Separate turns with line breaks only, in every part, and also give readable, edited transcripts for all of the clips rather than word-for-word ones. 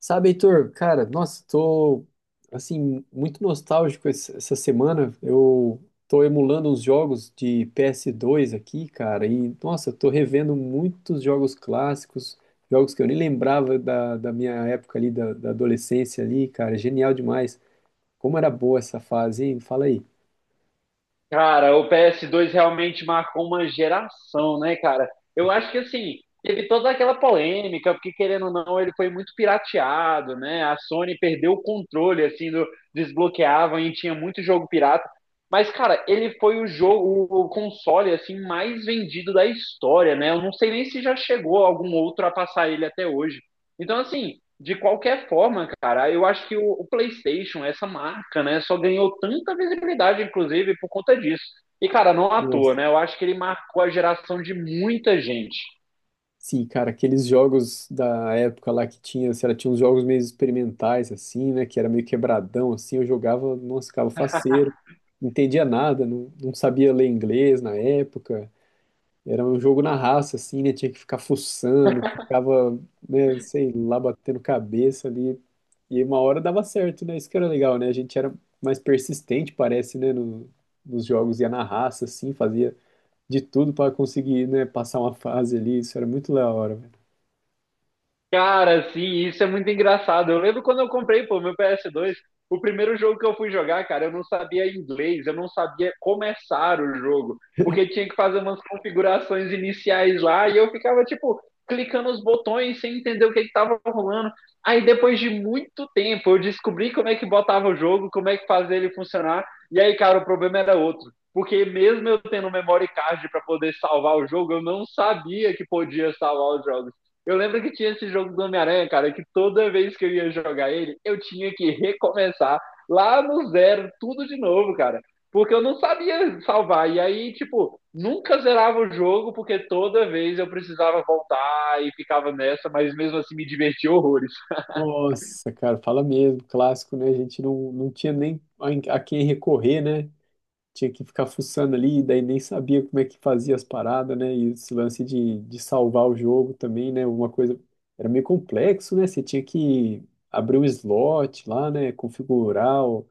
Sabe, Heitor, cara, nossa, tô, assim, muito nostálgico essa semana. Eu tô emulando uns jogos de PS2 aqui, cara, e, nossa, tô revendo muitos jogos clássicos, jogos que eu nem lembrava da minha época ali, da adolescência ali, cara, genial demais. Como era boa essa fase, hein? Fala aí.
Cara, o PS2 realmente marcou uma geração, né, cara? Eu acho que assim, teve toda aquela polêmica, porque querendo ou não, ele foi muito pirateado, né? A Sony perdeu o controle, assim, do desbloqueavam e tinha muito jogo pirata. Mas, cara, ele foi o jogo, o console, assim, mais vendido da história, né? Eu não sei nem se já chegou algum outro a passar ele até hoje. Então, assim, de qualquer forma, cara, eu acho que o PlayStation, essa marca, né, só ganhou tanta visibilidade, inclusive, por conta disso. E, cara, não à toa,
Nossa.
né? Eu acho que ele marcou a geração de muita gente.
Sim, cara, aqueles jogos da época lá que tinha, sei lá, tinha uns jogos meio experimentais, assim, né? Que era meio quebradão, assim, eu jogava, nossa, ficava faceiro, não entendia nada, não, não sabia ler inglês na época. Era um jogo na raça, assim, né? Tinha que ficar fuçando, ficava, né, sei lá, batendo cabeça ali. E uma hora dava certo, né? Isso que era legal, né? A gente era mais persistente, parece, né? Nos jogos, ia na raça, assim, fazia de tudo para conseguir, né, passar uma fase ali. Isso era muito da hora, velho.
Cara, sim, isso é muito engraçado. Eu lembro quando eu comprei, pô, meu PS2, o primeiro jogo que eu fui jogar, cara, eu não sabia inglês, eu não sabia começar o jogo, porque tinha que fazer umas configurações iniciais lá e eu ficava, tipo, clicando os botões sem entender o que que tava rolando. Aí depois de muito tempo eu descobri como é que botava o jogo, como é que fazia ele funcionar, e aí, cara, o problema era outro. Porque mesmo eu tendo memory card para poder salvar o jogo, eu não sabia que podia salvar os jogos. Eu lembro que tinha esse jogo do Homem-Aranha, cara, que toda vez que eu ia jogar ele, eu tinha que recomeçar lá no zero, tudo de novo, cara. Porque eu não sabia salvar. E aí, tipo, nunca zerava o jogo, porque toda vez eu precisava voltar e ficava nessa, mas mesmo assim me divertia horrores.
Nossa, cara, fala mesmo, clássico, né? A gente não tinha nem a quem recorrer, né? Tinha que ficar fuçando ali, daí nem sabia como é que fazia as paradas, né? E esse lance de salvar o jogo também, né? Uma coisa era meio complexo, né? Você tinha que abrir um slot lá, né? Configurar o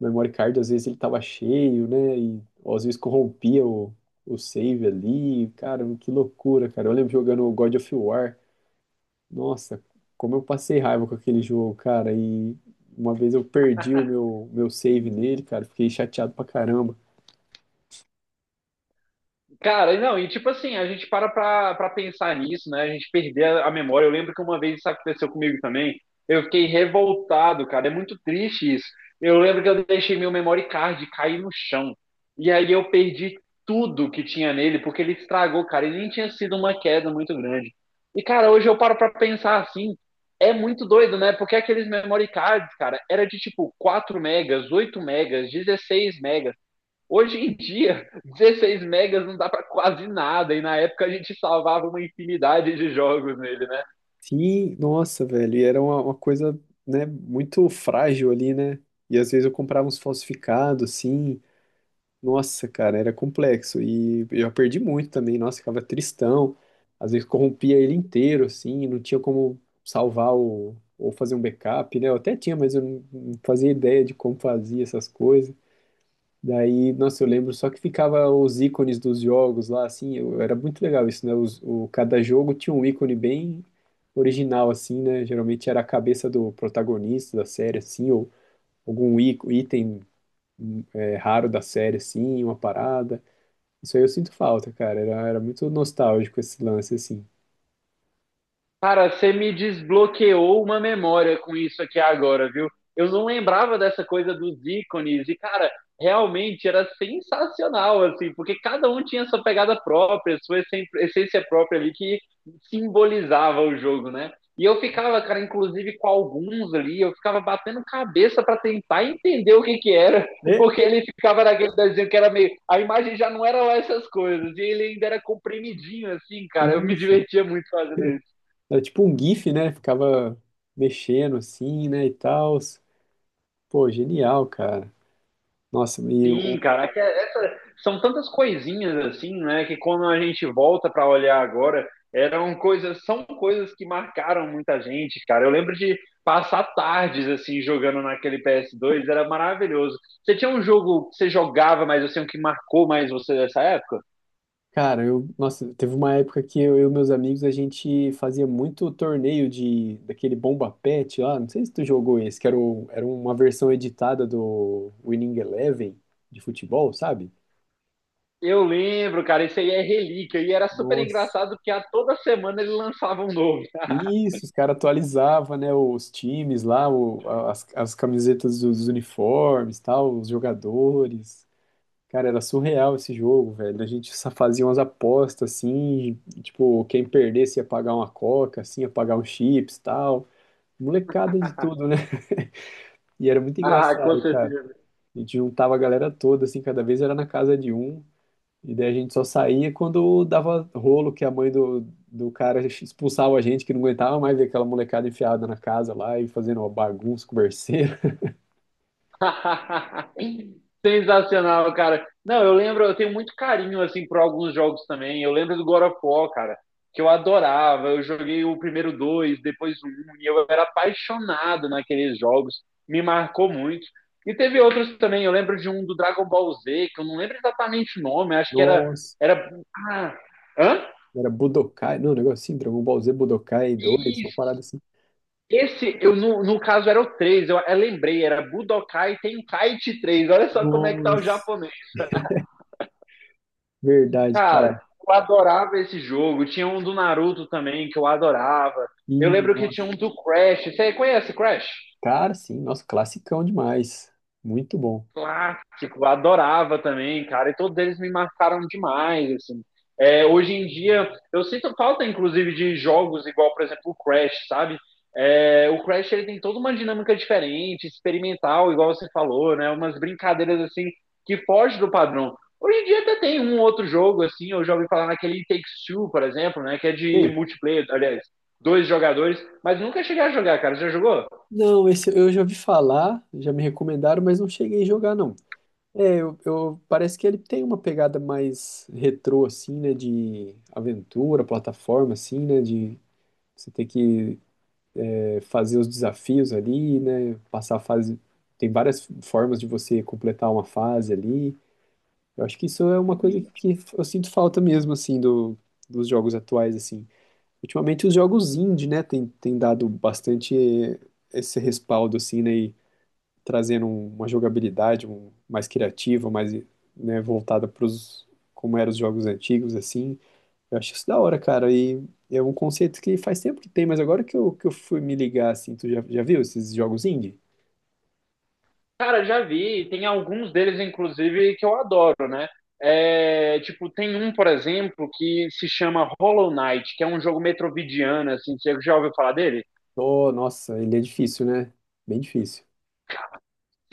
memory card, às vezes ele tava cheio, né? E ou às vezes corrompia o save ali. Cara, que loucura, cara. Eu lembro jogando o God of War. Nossa, como eu passei raiva com aquele jogo, cara. E uma vez eu perdi o meu save nele, cara. Fiquei chateado pra caramba.
Cara, não, e tipo assim, a gente para pra pensar nisso, né? A gente perder a memória. Eu lembro que uma vez isso aconteceu comigo também. Eu fiquei revoltado, cara. É muito triste isso. Eu lembro que eu deixei meu memory card cair no chão. E aí eu perdi tudo que tinha nele, porque ele estragou, cara. E nem tinha sido uma queda muito grande. E, cara, hoje eu paro pra pensar assim. É muito doido, né? Porque aqueles memory cards, cara, era de tipo 4 megas, 8 megas, 16 megas. Hoje em dia, 16 megas não dá para quase nada, e na época a gente salvava uma infinidade de jogos nele, né?
Sim, nossa, velho. E era uma coisa, né, muito frágil ali, né? E às vezes eu comprava uns falsificados, assim. Nossa, cara, era complexo. E eu perdi muito também. Nossa, ficava tristão. Às vezes corrompia ele inteiro, assim. Não tinha como salvar o, ou fazer um backup, né? Eu até tinha, mas eu não fazia ideia de como fazia essas coisas. Daí, nossa, eu lembro só que ficava os ícones dos jogos lá, assim, era muito legal isso, né? Cada jogo tinha um ícone bem original, assim, né? Geralmente era a cabeça do protagonista da série, assim, ou algum item raro da série, assim, uma parada. Isso aí eu sinto falta, cara. Era muito nostálgico esse lance, assim.
Cara, você me desbloqueou uma memória com isso aqui agora, viu? Eu não lembrava dessa coisa dos ícones e, cara, realmente era sensacional, assim, porque cada um tinha sua pegada própria, sua essência própria ali que simbolizava o jogo, né? E eu ficava, cara, inclusive com alguns ali, eu ficava batendo cabeça para tentar entender o que que era,
É,
porque ele ficava naquele desenho que era meio. A imagem já não era lá essas coisas, e ele ainda era comprimidinho, assim, cara. Eu me
isso.
divertia muito fazendo isso.
Era tipo um GIF, né? Ficava mexendo assim, né? E tal. Pô, genial, cara. Nossa, e o
Sim, cara, é que é- essa- são tantas coisinhas assim, né, que quando a gente volta para olhar agora, eram coisas, são coisas que marcaram muita gente, cara. Eu lembro de passar tardes assim jogando naquele PS2, era maravilhoso. Você tinha um jogo que você jogava, mas assim, o que marcou mais você dessa época?
cara, nossa, teve uma época que eu e meus amigos a gente fazia muito torneio de daquele Bomba Pet lá, não sei se tu jogou esse, era uma versão editada do Winning Eleven de futebol, sabe?
Eu lembro, cara, esse aí é relíquia e era super
Nossa.
engraçado porque a toda semana ele lançava um novo.
Isso, os caras atualizavam, né, os times lá, as camisetas dos uniformes, tal, os jogadores. Cara, era surreal esse jogo, velho. A gente só fazia umas apostas assim, tipo, quem perdesse ia pagar uma coca, assim, ia pagar um chips, tal. Molecada de tudo, né? E era muito
Ah, com
engraçado, cara.
certeza.
A gente juntava a galera toda, assim, cada vez era na casa de um. E daí a gente só saía quando dava rolo que a mãe do cara expulsava a gente, que não aguentava mais ver aquela molecada enfiada na casa lá e fazendo uma bagunça, converseira.
Sensacional, cara. Não, eu lembro, eu tenho muito carinho assim por alguns jogos também. Eu lembro do God of War, cara, que eu adorava. Eu joguei o primeiro dois, depois o um, e eu era apaixonado naqueles jogos. Me marcou muito. E teve outros também. Eu lembro de um do Dragon Ball Z, que eu não lembro exatamente o nome. Acho que era
Nossa,
era ah, hã?
era Budokai, não, um negócio assim, Dragon Ball Z, Budokai 2,
E
uma parada assim.
esse, no caso, era o 3, eu lembrei, era Budokai Tenkaichi 3. Olha só como é que tá o
Nossa, verdade, cara.
cara, eu adorava esse jogo. Tinha um do Naruto também que eu adorava.
E,
Eu lembro que tinha
nossa,
um do Crash. Você conhece Crash?
cara, sim, nossa, classicão demais. Muito bom.
Clássico, adorava também, cara. E todos eles me marcaram demais, assim. É, hoje em dia, eu sinto falta, inclusive, de jogos igual, por exemplo, o Crash, sabe? É, o Crash ele tem toda uma dinâmica diferente, experimental, igual você falou, né? Umas brincadeiras assim que fogem do padrão. Hoje em dia até tem um outro jogo assim, eu já ouvi falar naquele It Takes Two, por exemplo, né? Que é de multiplayer, aliás, dois jogadores, mas nunca cheguei a jogar, cara. Já jogou?
Não, esse eu já ouvi falar, já me recomendaram, mas não cheguei a jogar, não. É, parece que ele tem uma pegada mais retrô, assim, né? De aventura, plataforma, assim, né? De você ter que fazer os desafios ali, né? Passar a fase. Tem várias formas de você completar uma fase ali. Eu acho que isso é uma coisa que eu sinto falta mesmo, assim, dos jogos atuais, assim. Ultimamente os jogos indie, né? Tem dado bastante esse respaldo, assim, né? Trazendo uma jogabilidade mais criativa, mais, né, voltada para os como eram os jogos antigos, assim. Eu acho isso da hora, cara. E é um conceito que faz tempo que tem, mas agora que eu fui me ligar, assim, tu já viu esses jogos indie?
Cara, já vi, tem alguns deles, inclusive, que eu adoro, né? É, tipo, tem um, por exemplo, que se chama Hollow Knight, que é um jogo metroidvania, assim, você já ouviu falar dele?
Oh, nossa, ele é difícil, né? Bem difícil.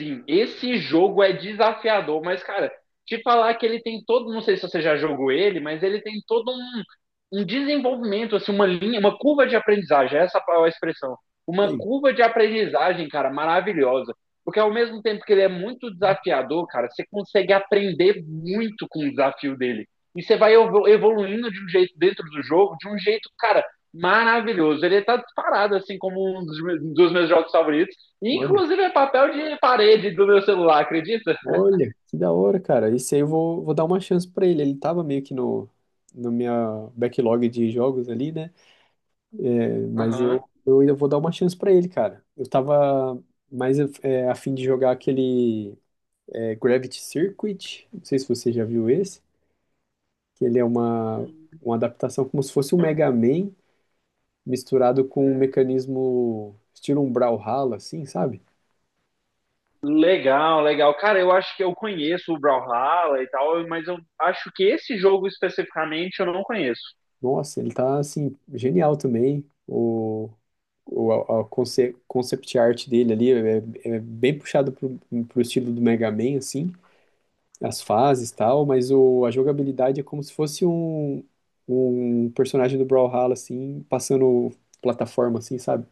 Sim, esse jogo é desafiador, mas, cara, te falar que ele tem todo, não sei se você já jogou ele, mas ele tem todo um, um desenvolvimento, assim, uma linha, uma curva de aprendizagem, essa é a expressão. Uma
Ei,
curva de aprendizagem, cara, maravilhosa. Porque ao mesmo tempo que ele é muito desafiador, cara, você consegue aprender muito com o desafio dele. E você vai evoluindo de um jeito dentro do jogo, de um jeito, cara, maravilhoso. Ele tá disparado, assim, como um dos meus jogos favoritos.
olha,
Inclusive é papel de parede do meu celular, acredita?
olha, que da hora, cara. Esse aí eu vou dar uma chance pra ele. Ele tava meio que no minha backlog de jogos ali, né? É, mas
Aham.
eu ainda vou dar uma chance pra ele, cara. Eu tava mais é, a fim de jogar aquele Gravity Circuit, não sei se você já viu esse, que ele é uma adaptação como se fosse um Mega Man misturado com um mecanismo estilo um Brawlhalla, assim, sabe?
Legal, legal. Cara, eu acho que eu conheço o Brawlhalla e tal, mas eu acho que esse jogo especificamente eu não conheço.
Nossa, ele tá, assim, genial também. A concept art dele ali é, é bem puxado pro estilo do Mega Man, assim. As fases e tal, mas a jogabilidade é como se fosse um personagem do Brawlhalla, assim, passando plataforma, assim, sabe?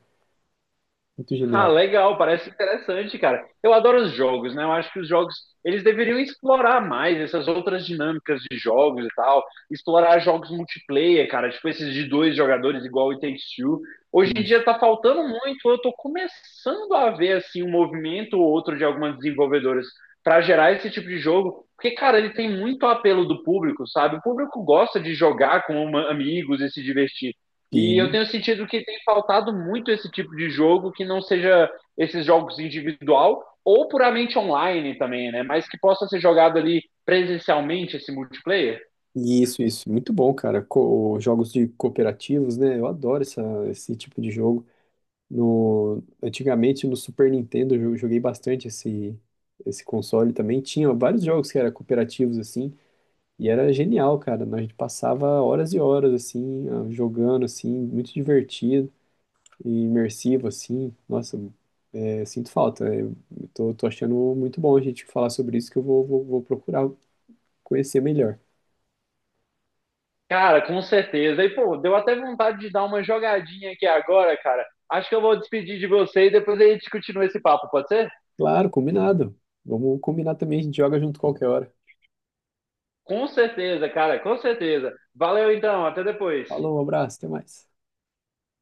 Muito
Ah,
genial.
legal, parece interessante, cara. Eu adoro os jogos, né? Eu acho que os jogos, eles deveriam explorar mais essas outras dinâmicas de jogos e tal, explorar jogos multiplayer, cara, tipo esses de dois jogadores igual o It Takes Two. Hoje em
Isso.
dia tá faltando muito, eu tô começando a ver assim um movimento ou outro de algumas desenvolvedoras para gerar esse tipo de jogo, porque cara, ele tem muito apelo do público, sabe? O público gosta de jogar com amigos e se divertir. E eu
Sim.
tenho sentido que tem faltado muito esse tipo de jogo que não seja esses jogos individual ou puramente online também, né? Mas que possa ser jogado ali presencialmente esse multiplayer.
Isso, isso. Muito bom, cara. Jogos de cooperativos, né? Eu adoro esse tipo de jogo. No, antigamente, no Super Nintendo, eu joguei bastante esse console também. Tinha vários jogos que eram cooperativos, assim, e era genial, cara. A gente passava horas e horas, assim, jogando, assim, muito divertido. E imersivo, assim. Nossa, é, sinto falta. Né? Eu tô achando muito bom a gente falar sobre isso, que eu vou procurar conhecer melhor.
Cara, com certeza. E pô, deu até vontade de dar uma jogadinha aqui agora, cara. Acho que eu vou despedir de você e depois a gente continua esse papo, pode ser?
Claro, combinado. Vamos combinar também, a gente joga junto qualquer hora.
Com certeza, cara, com certeza. Valeu então, até depois.
Falou, um abraço, até mais.